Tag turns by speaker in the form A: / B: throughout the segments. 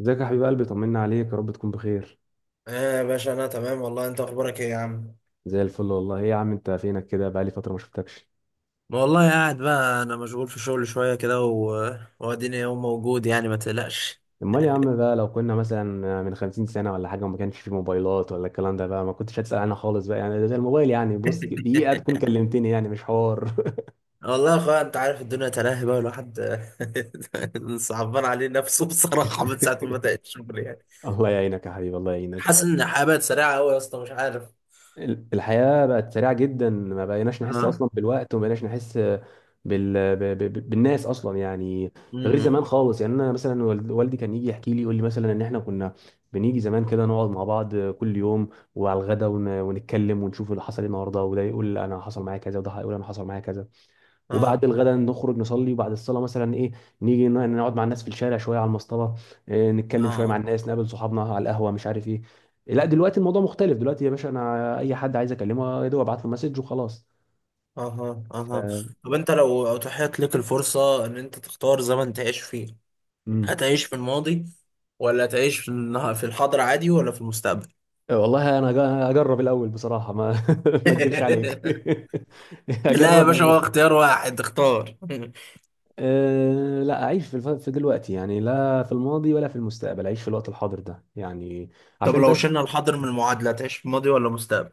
A: ازيك يا حبيب قلبي، طمنا عليك، يا رب تكون بخير.
B: ايه يا باشا، انا تمام والله. انت اخبارك ايه يا عم؟
A: زي الفل والله. ايه يا عم، انت فينك كده؟ بقالي فتره ما شفتكش.
B: والله قاعد بقى، انا مشغول في شغل شويه كده، واديني يوم موجود، يعني ما تقلقش.
A: امال يا عم، بقى لو كنا مثلا من 50 سنة سنه ولا حاجه وما كانش في موبايلات ولا الكلام ده، بقى ما كنتش هتسال عنها خالص، بقى يعني ده زي الموبايل يعني، بص دقيقه تكون كلمتني، يعني مش حوار.
B: والله يا اخويا، انت عارف الدنيا تلاهي بقى الواحد. صعبان عليه نفسه بصراحه، من ساعه ما بدات الشغل يعني.
A: الله يعينك يا حبيبي، الله
B: حاسس
A: يعينك.
B: ان الحياه بقت سريعه قوي يا اسطى، مش عارف.
A: الحياة بقت سريعة جدا، ما بقيناش نحس
B: اه.
A: أصلا بالوقت، وما بقيناش نحس بالناس أصلا يعني. غير زمان
B: امم.
A: خالص يعني. أنا مثلا والدي كان يجي يحكي لي، يقول لي مثلا إن إحنا كنا بنيجي زمان كده نقعد مع بعض كل يوم وعلى الغدا ونتكلم ونشوف اللي حصل إيه النهاردة، وده يقول أنا حصل معايا كذا، وده يقول أنا حصل معايا كذا. وبعد
B: اه.
A: الغداء نخرج نصلي، وبعد الصلاه مثلا ايه، نيجي نقعد مع الناس في الشارع شويه على المصطبه، إيه، نتكلم شويه مع
B: اه.
A: الناس، نقابل صحابنا على القهوه، مش عارف ايه. لا دلوقتي الموضوع مختلف، دلوقتي يا باشا انا اي حد عايز اكلمه، يا دوب ابعت له مسج وخلاص.
B: اها، اها.
A: ف-
B: طب انت لو اتاحت لك الفرصه ان انت تختار زمن تعيش فيه،
A: امم
B: هتعيش في الماضي ولا هتعيش في في الحاضر عادي، ولا في المستقبل؟
A: والله انا هجرب الاول بصراحه، ما ما اكدبش عليك.
B: لا يا
A: هجرب
B: باشا، هو
A: أعيش.
B: اختيار واحد اختار.
A: أه، لا اعيش في دلوقتي يعني، لا في الماضي ولا في المستقبل، اعيش في الوقت الحاضر ده يعني،
B: طب
A: عشان
B: لو
A: بس.
B: شلنا الحاضر من المعادلة، هتعيش في الماضي ولا المستقبل؟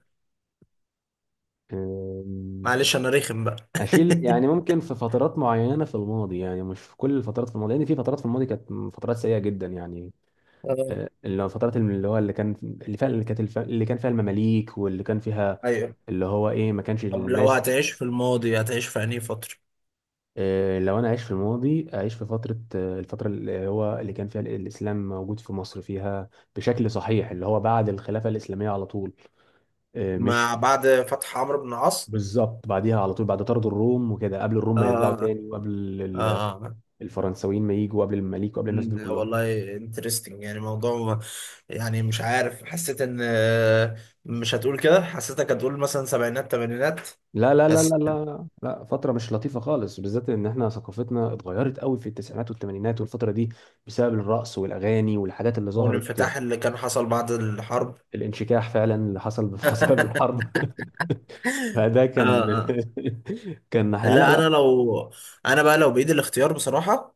B: معلش انا رخم بقى.
A: اشيل يعني؟ ممكن في فترات معينه في الماضي، يعني مش في كل الفترات في الماضي، لان في فترات في الماضي كانت فترات سيئه جدا يعني.
B: اه.
A: آه، اللي هو الفترات، اللي هو اللي كان، اللي فعلا اللي كانت اللي كان فيها المماليك، واللي كان فيها
B: ايوه.
A: اللي هو ايه، ما كانش
B: طب لو
A: الناس.
B: هتعيش في الماضي، هتعيش في انهي فترة؟
A: آه، لو انا عايش في الماضي اعيش في فتره، آه، الفتره اللي هو اللي كان فيها الاسلام موجود في مصر، فيها بشكل صحيح، اللي هو بعد الخلافه الاسلاميه على طول. آه،
B: مع
A: مش
B: بعد فتح عمرو بن العاص.
A: بالظبط، بعديها على طول، بعد طرد الروم وكده، قبل الروم ما يرجعوا
B: اه.
A: تاني، وقبل ال-
B: اه.
A: الفرنساويين ما يجوا، قبل المماليك وقبل الناس دول
B: مم،
A: كلهم.
B: والله انترستنج. يعني موضوع ما- يعني مش عارف، حسيت ان مش هتقول كده، حسيتك هتقول مثلا سبعينات تمانينات.
A: لا لا لا
B: بس.
A: لا لا لا، فترة مش لطيفة خالص، بالذات ان احنا ثقافتنا اتغيرت قوي في التسعينات والثمانينات والفترة دي، بسبب الرقص والاغاني والحاجات اللي ظهرت.
B: والانفتاح اللي كان حصل بعد الحرب.
A: الانشكاح فعلا اللي حصل بسبب
B: اه.
A: الحرب. فده كان
B: اه.
A: كان ناحية، لا
B: لا
A: لا.
B: انا لو انا بقى، لو بايدي الاختيار بصراحه،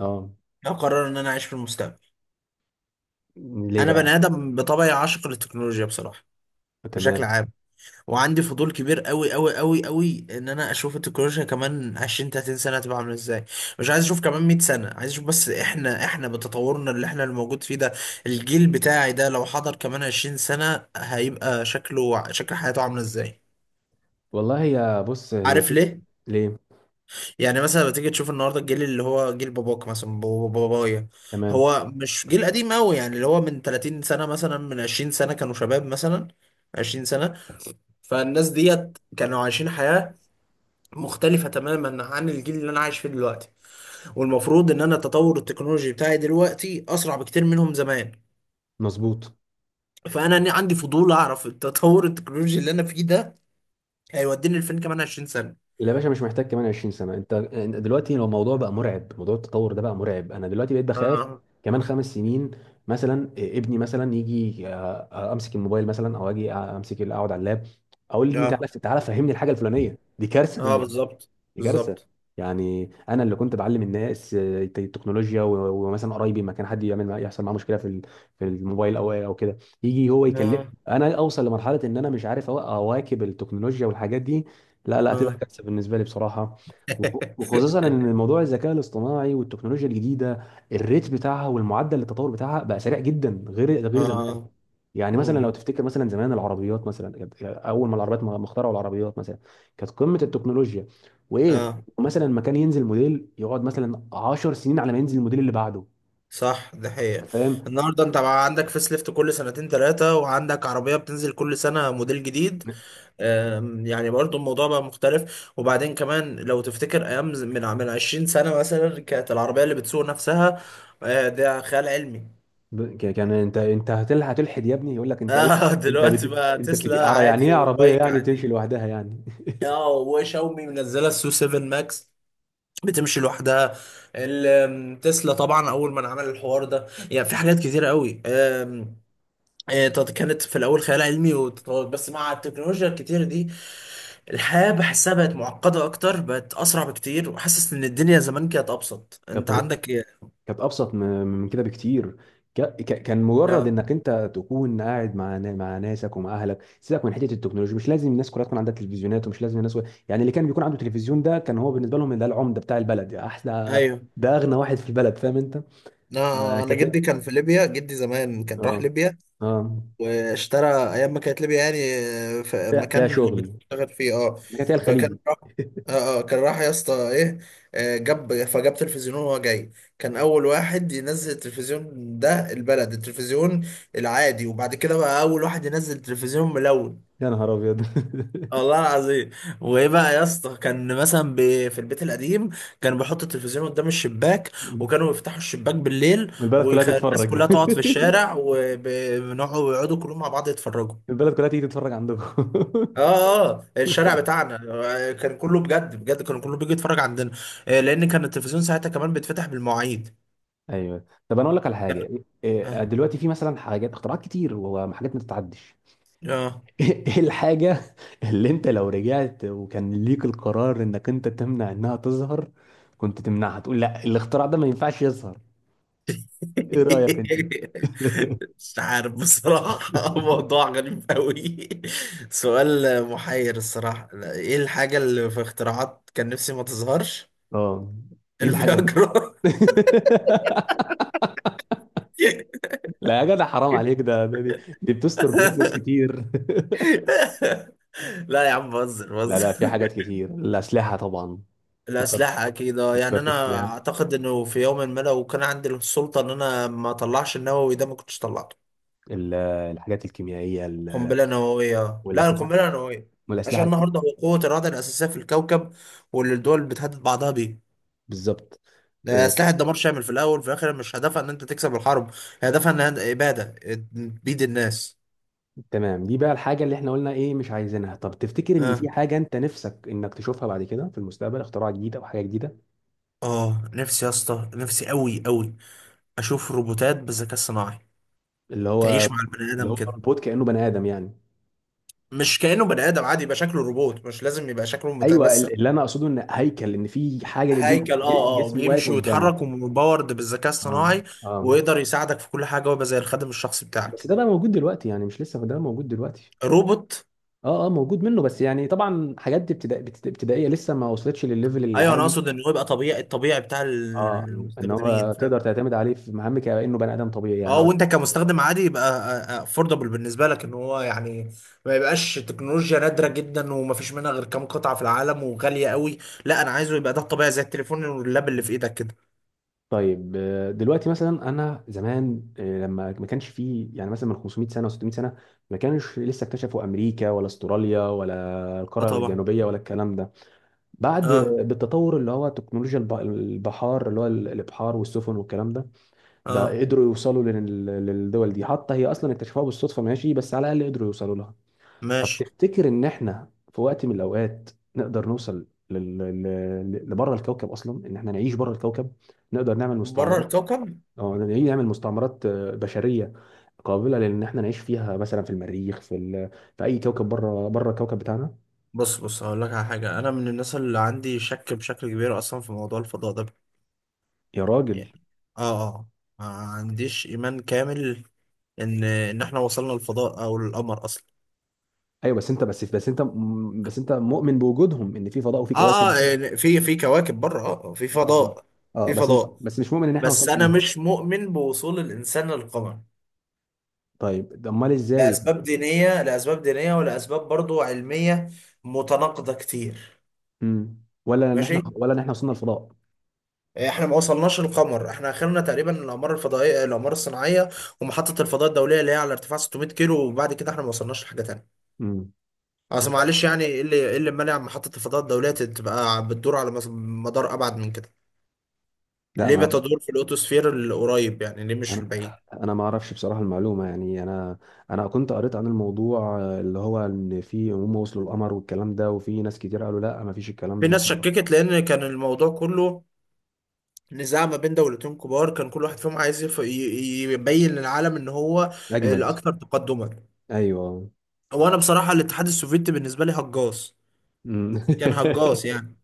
A: اه.
B: هقرر ان انا اعيش في المستقبل.
A: ليه
B: انا
A: بقى؟
B: بني ادم بطبعي، عاشق للتكنولوجيا بصراحه، بشكل
A: تمام.
B: عام. وعندي فضول كبير قوي قوي قوي قوي ان انا اشوف التكنولوجيا كمان 20، 30 سنه هتبقى عامله ازاي. مش عايز اشوف كمان 100 سنه، عايز اشوف بس احنا بتطورنا اللي احنا الموجود فيه ده، الجيل بتاعي ده، لو حضر كمان 20 سنه هيبقى شكله، شكل حياته، عامله ازاي.
A: والله هي، بص، هي
B: عارف ليه؟
A: ليه؟
B: يعني مثلا بتيجي تشوف النهارده الجيل اللي هو جيل باباك مثلا، بابايا.
A: تمام.
B: هو مش جيل قديم قوي، يعني اللي هو من 30 سنه، مثلا من 20 سنه كانوا شباب، مثلا 20 سنه. فالناس ديت كانوا عايشين حياه مختلفه تماما عن الجيل اللي انا عايش فيه دلوقتي. والمفروض ان انا التطور التكنولوجي بتاعي دلوقتي اسرع بكتير منهم زمان.
A: مظبوط.
B: فانا عندي فضول اعرف التطور التكنولوجي اللي انا فيه ده هيوديني لفين كمان 20 سنه.
A: لا يا باشا، مش محتاج كمان 20 سنة. انت انت دلوقتي لو الموضوع بقى مرعب، موضوع التطور ده بقى مرعب. انا دلوقتي بقيت بخاف
B: اه.
A: كمان 5 سنين. مثلا إيه، ابني مثلا يجي، آه، آه، امسك الموبايل مثلا، او اجي، آه، امسك اقعد على اللاب، اقول لابني تعالى
B: اه.
A: تعالى فهمني الحاجة الفلانية دي، كارثة
B: اه
A: بالنسبة لي.
B: بالظبط.
A: دي كارثة.
B: بالظبط.
A: يعني انا اللي كنت بعلم الناس، آه، التكنولوجيا، ومثلا قرايبي، ما كان حد يعمل يحصل معاه مشكلة في في الموبايل او كده، يجي هو يكلم.
B: اه.
A: انا اوصل لمرحلة ان انا مش عارف اواكب التكنولوجيا والحاجات دي، لا لا، هتبقى
B: اه.
A: كارثه بالنسبه لي بصراحه. وخصوصا ان موضوع الذكاء الاصطناعي والتكنولوجيا الجديده، الريت بتاعها والمعدل التطور بتاعها بقى سريع جدا، غير زمان.
B: اه.
A: يعني مثلا لو
B: امم.
A: تفتكر، مثلا زمان العربيات، مثلا كانت، اول ما العربيات ما اخترعوا العربيات مثلا، كانت قمه التكنولوجيا. وايه،
B: اه.
A: مثلا ما كان ينزل موديل يقعد مثلا 10 سنين على ما ينزل الموديل اللي بعده.
B: صح، ده
A: انت
B: حقيقة.
A: فاهم،
B: النهارده انت بقى عندك فيس ليفت كل سنتين ثلاثة، وعندك عربية بتنزل كل سنة موديل جديد. يعني برضو الموضوع بقى مختلف. وبعدين كمان لو تفتكر ايام من 20 سنة مثلا، كانت العربية اللي بتسوق نفسها. ده خيال علمي.
A: كان انت انت هتلحد يا ابني، يقول لك انت ايه؟
B: اه.
A: انت
B: دلوقتي بقى
A: انت بتجي
B: تسلا
A: يعني
B: عادي
A: ايه عربيه
B: وبايك
A: يعني تمشي
B: عادي.
A: لوحدها يعني؟
B: اه، وشاومي منزلة السو 7 ماكس بتمشي لوحدها. تسلا طبعا اول ما عمل الحوار ده، يعني في حاجات كتيره قوي. طب كانت في الاول خيال علمي وتطور، بس مع التكنولوجيا الكتير دي الحياه بحسها بقت معقده اكتر، بقت اسرع بكتير. وحاسس ان الدنيا زمان كانت ابسط.
A: كانت،
B: انت عندك ايه؟
A: كانت ابسط من كده بكتير. كان مجرد
B: لا.
A: انك انت تكون قاعد مع ناسك، ومع اهلك، سيبك من حته التكنولوجيا، مش لازم الناس كلها تكون عندها تلفزيونات، ومش لازم الناس يعني، اللي كان بيكون عنده تلفزيون ده، كان هو بالنسبه لهم ده العمده بتاع البلد يعني، احلى،
B: ايوه.
A: ده اغنى واحد في البلد. فاهم انت؟ آه
B: انا جدي
A: كت...
B: كان في ليبيا. جدي زمان كان راح
A: اه
B: ليبيا
A: اه،
B: واشترى، ايام ما كانت ليبيا يعني في
A: فيها
B: المكان اللي
A: شغل.
B: بتشتغل فيه. اه.
A: كانت هي
B: فكان
A: الخليج.
B: راح. اه. اه كان راح يا اسطى، ايه، جاب فجاب تلفزيون وهو جاي. كان اول واحد ينزل التلفزيون، ده البلد، التلفزيون العادي. وبعد كده بقى اول واحد ينزل تلفزيون ملون.
A: يا نهار ابيض.
B: والله العظيم. وايه بقى يا اسطى، كان مثلا في البيت القديم كان بيحط التلفزيون قدام الشباك. وكانوا يفتحوا الشباك بالليل،
A: والبلد كلها
B: والناس
A: تتفرج.
B: كلها تقعد في الشارع، وبنقعد، ويقعدوا كلهم مع بعض يتفرجوا.
A: البلد كلها تيجي تتفرج عندكم.
B: اه. اه الشارع بتاعنا كان كله، بجد بجد، كان كله بيجي يتفرج عندنا. لان كان التلفزيون ساعتها كمان بيتفتح بالمواعيد.
A: ايوه. طب انا اقول لك على حاجه. إيه،
B: اه.
A: دلوقتي في مثلا حاجات اختراعات كتير وحاجات ما تتعدش.
B: آه.
A: ايه الحاجه اللي انت لو رجعت وكان ليك القرار انك انت تمنع انها تظهر، كنت تمنعها تقول لا الاختراع ده ما ينفعش يظهر؟ ايه رايك انت؟
B: مش عارف بصراحة. موضوع غريب قوي. سؤال محير الصراحة. لا، ايه الحاجة اللي في اختراعات كان نفسي ما تظهرش؟
A: اه، ايه الحاجه دي؟
B: الفياجرا.
A: لا يا جدع، حرام عليك، دي بتستر بيوت ناس كتير.
B: لا يا عم، بهزر
A: لا لا، في
B: بهزر.
A: حاجات كتير، الاسلحه طبعا. فكرت
B: الأسلحة أكيد. أه، يعني
A: فكرتش
B: أنا
A: فيها؟
B: أعتقد إنه في يوم ما، لو كان عندي السلطة إن أنا ما أطلعش النووي ده، ما كنتش طلعته.
A: الحاجات الكيميائيه،
B: قنبلة نووية، لا،
A: والاسلحه،
B: القنبلة النووية. عشان
A: والاسلحه الك...
B: النهاردة هو قوة الرادع الأساسية في الكوكب، واللي الدول بتهدد بعضها بيه.
A: بالظبط،
B: ده
A: آه،
B: سلاح الدمار شامل في الأول وفي الآخر. مش هدفها إن أنت تكسب الحرب، هي هدفها إن هي إبادة بيد الناس.
A: تمام. دي بقى الحاجه اللي احنا قلنا ايه، مش عايزينها. طب تفتكر ان
B: أه.
A: في حاجه انت نفسك انك تشوفها بعد كده في المستقبل، اختراع جديد او حاجه جديده؟
B: أه، نفسي يا اسطى، نفسي أوي أوي أشوف روبوتات بالذكاء الصناعي
A: اللي هو
B: تعيش مع البني
A: اللي
B: آدم
A: هو
B: كده.
A: روبوت كانه بني ادم يعني؟
B: مش كأنه بني آدم عادي، يبقى شكله روبوت، مش لازم يبقى شكله
A: ايوه
B: متمثل.
A: اللي انا اقصده ان هيكل، ان في حاجه
B: هيكل، اه. اه،
A: جسم واقف
B: بيمشي
A: قدامك.
B: ويتحرك ومباورد بالذكاء
A: اه
B: الصناعي،
A: اه.
B: ويقدر يساعدك في كل حاجة، ويبقى زي الخادم الشخصي
A: بس
B: بتاعك.
A: ده بقى موجود دلوقتي يعني، مش لسه، ده موجود دلوقتي.
B: روبوت.
A: اه اه، موجود منه بس يعني، طبعا حاجات دي ابتدائيه، لسه ما وصلتش للليفل
B: ايوه، انا
A: العالي.
B: اقصد ان هو يبقى طبيعي، الطبيعي بتاع
A: اه. مم. ان
B: المستخدمين،
A: هو تقدر
B: فاهم؟
A: تعتمد عليه في مهامك كانه بني ادم طبيعي يعني،
B: اه، وانت
A: قصدي.
B: كمستخدم عادي يبقى افوردبل بالنسبه لك، ان هو يعني ما يبقاش تكنولوجيا نادره جدا ومفيش منها غير كام قطعه في العالم وغاليه قوي. لا، انا عايزه يبقى ده الطبيعي، زي التليفون واللاب اللي في ايدك كده.
A: طيب، آه، دلوقتي مثلا انا زمان، آه، لما ما كانش فيه، يعني مثلا من 500 سنة سنه و 600 سنة سنه، ما كانش لسه اكتشفوا امريكا ولا استراليا ولا
B: اه
A: القاره
B: طبعا.
A: الجنوبيه ولا الكلام ده. بعد،
B: اه.
A: آه، بالتطور اللي هو تكنولوجيا البحار، اللي هو الابحار والسفن والكلام ده، بقى
B: اه
A: قدروا يوصلوا للدول دي. حتى هي اصلا اكتشفوها بالصدفه، ماشي، بس على الاقل قدروا يوصلوا لها. طب
B: ماشي.
A: تفتكر ان احنا في وقت من الاوقات نقدر نوصل لبره الكوكب اصلا؟ ان احنا نعيش بره الكوكب، نقدر نعمل
B: بره
A: مستعمرات،
B: الكوكب.
A: او نعمل مستعمرات، آه، بشريه قابله لان احنا نعيش فيها، مثلا في المريخ، في ال...، في اي كوكب بره، الكوكب بتاعنا.
B: بص بص، هقول لك على حاجة. أنا من الناس اللي عندي شك بشكل كبير أصلا في موضوع الفضاء ده،
A: يا
B: يعني
A: راجل!
B: آه آه ما عنديش إيمان كامل إن إحنا وصلنا للفضاء أو للقمر أصلا.
A: ايوه بس انت بس انت مؤمن بوجودهم، ان في فضاء وفي
B: آه
A: كواكب تاني.
B: يعني في كواكب بره، في
A: اه اه
B: فضاء.
A: اه،
B: في
A: بس مش
B: فضاء.
A: مؤمن ان احنا
B: بس
A: وصلنا
B: أنا
A: ليهم.
B: مش مؤمن بوصول الإنسان للقمر،
A: طيب ده، امال ازاي ده؟
B: لأسباب دينية، لأسباب دينية ولأسباب برضو علمية متناقضة كتير.
A: مم.
B: ماشي.
A: ولا ان احنا وصلنا الفضاء.
B: احنا ما وصلناش للقمر. احنا اخرنا تقريبا الاقمار الفضائيه، الاقمار الصناعيه، ومحطه الفضاء الدوليه اللي هي على ارتفاع 600 كيلو. وبعد كده احنا ما وصلناش لحاجه تانيه.
A: مم.
B: اصل معلش يعني، ايه اللي مانع محطه الفضاء الدوليه تبقى بتدور على مدار ابعد من كده؟
A: لا،
B: ليه
A: ما
B: بتدور في الاوتوسفير القريب، يعني ليه مش في
A: انا
B: البعيد؟
A: ما اعرفش بصراحه المعلومه، يعني انا، انا كنت قريت عن الموضوع، آه، اللي هو ان في، هم وصلوا القمر والكلام ده، وفي ناس كتير قالوا لا ما فيش الكلام
B: في
A: ده، ما
B: ناس
A: حدش.
B: شككت، لان كان الموضوع كله نزاع ما بين دولتين كبار، كان كل واحد فيهم عايز يبين للعالم ان هو
A: اجمد.
B: الاكثر تقدما.
A: ايوه.
B: وانا بصراحه الاتحاد السوفيتي بالنسبه لي هجاص.
A: أمم.
B: كان هجاص يعني.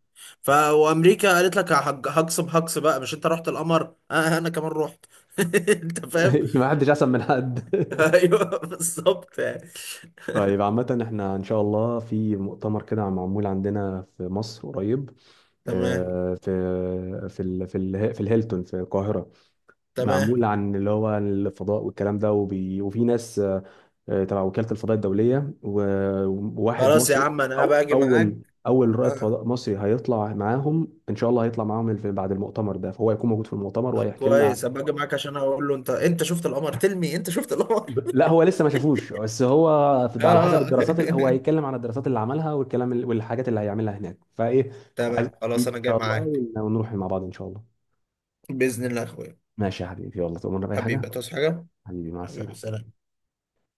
B: وامريكا قالت لك هجص بقى، مش انت رحت القمر، انا كمان رحت. انت فاهم؟
A: ما حدش احسن من حد.
B: ايوه بالظبط يعني.
A: طيب عامه احنا ان شاء الله في مؤتمر كده معمول عندنا في مصر قريب،
B: تمام
A: آه، في الهيلتون في القاهره،
B: تمام.
A: معمول عن اللي هو الفضاء والكلام ده، وفي ناس، آه، تبع وكالة الفضاء الدولية، وواحد
B: خلاص يا
A: مصري.
B: عم، انا هبقى اجي معاك.
A: أول أول رائد
B: آه.
A: فضاء مصري هيطلع معاهم إن شاء الله، هيطلع معاهم بعد المؤتمر ده، فهو هيكون موجود في المؤتمر
B: طب
A: وهيحكي لنا
B: كويس، هبقى اجي معاك عشان اقول له، انت شفت القمر؟ تلمي، انت شفت القمر؟
A: لا، هو لسه ما شافوش، بس هو
B: اه.
A: على حسب الدراسات، اللي هو هيتكلم عن الدراسات اللي عملها، والكلام والحاجات اللي هيعملها هناك، فإيه.
B: تمام
A: عايز تيجي
B: خلاص، انا
A: إن
B: جاي
A: شاء الله،
B: معاك.
A: ونروح مع بعض إن شاء الله.
B: باذن الله يا اخويا.
A: ماشي يا حبيبي، والله تؤمرنا بأي حاجة.
B: حبيبي، تصحى حاجه.
A: حبيبي مع
B: حبيبي
A: السلامة.
B: سلام.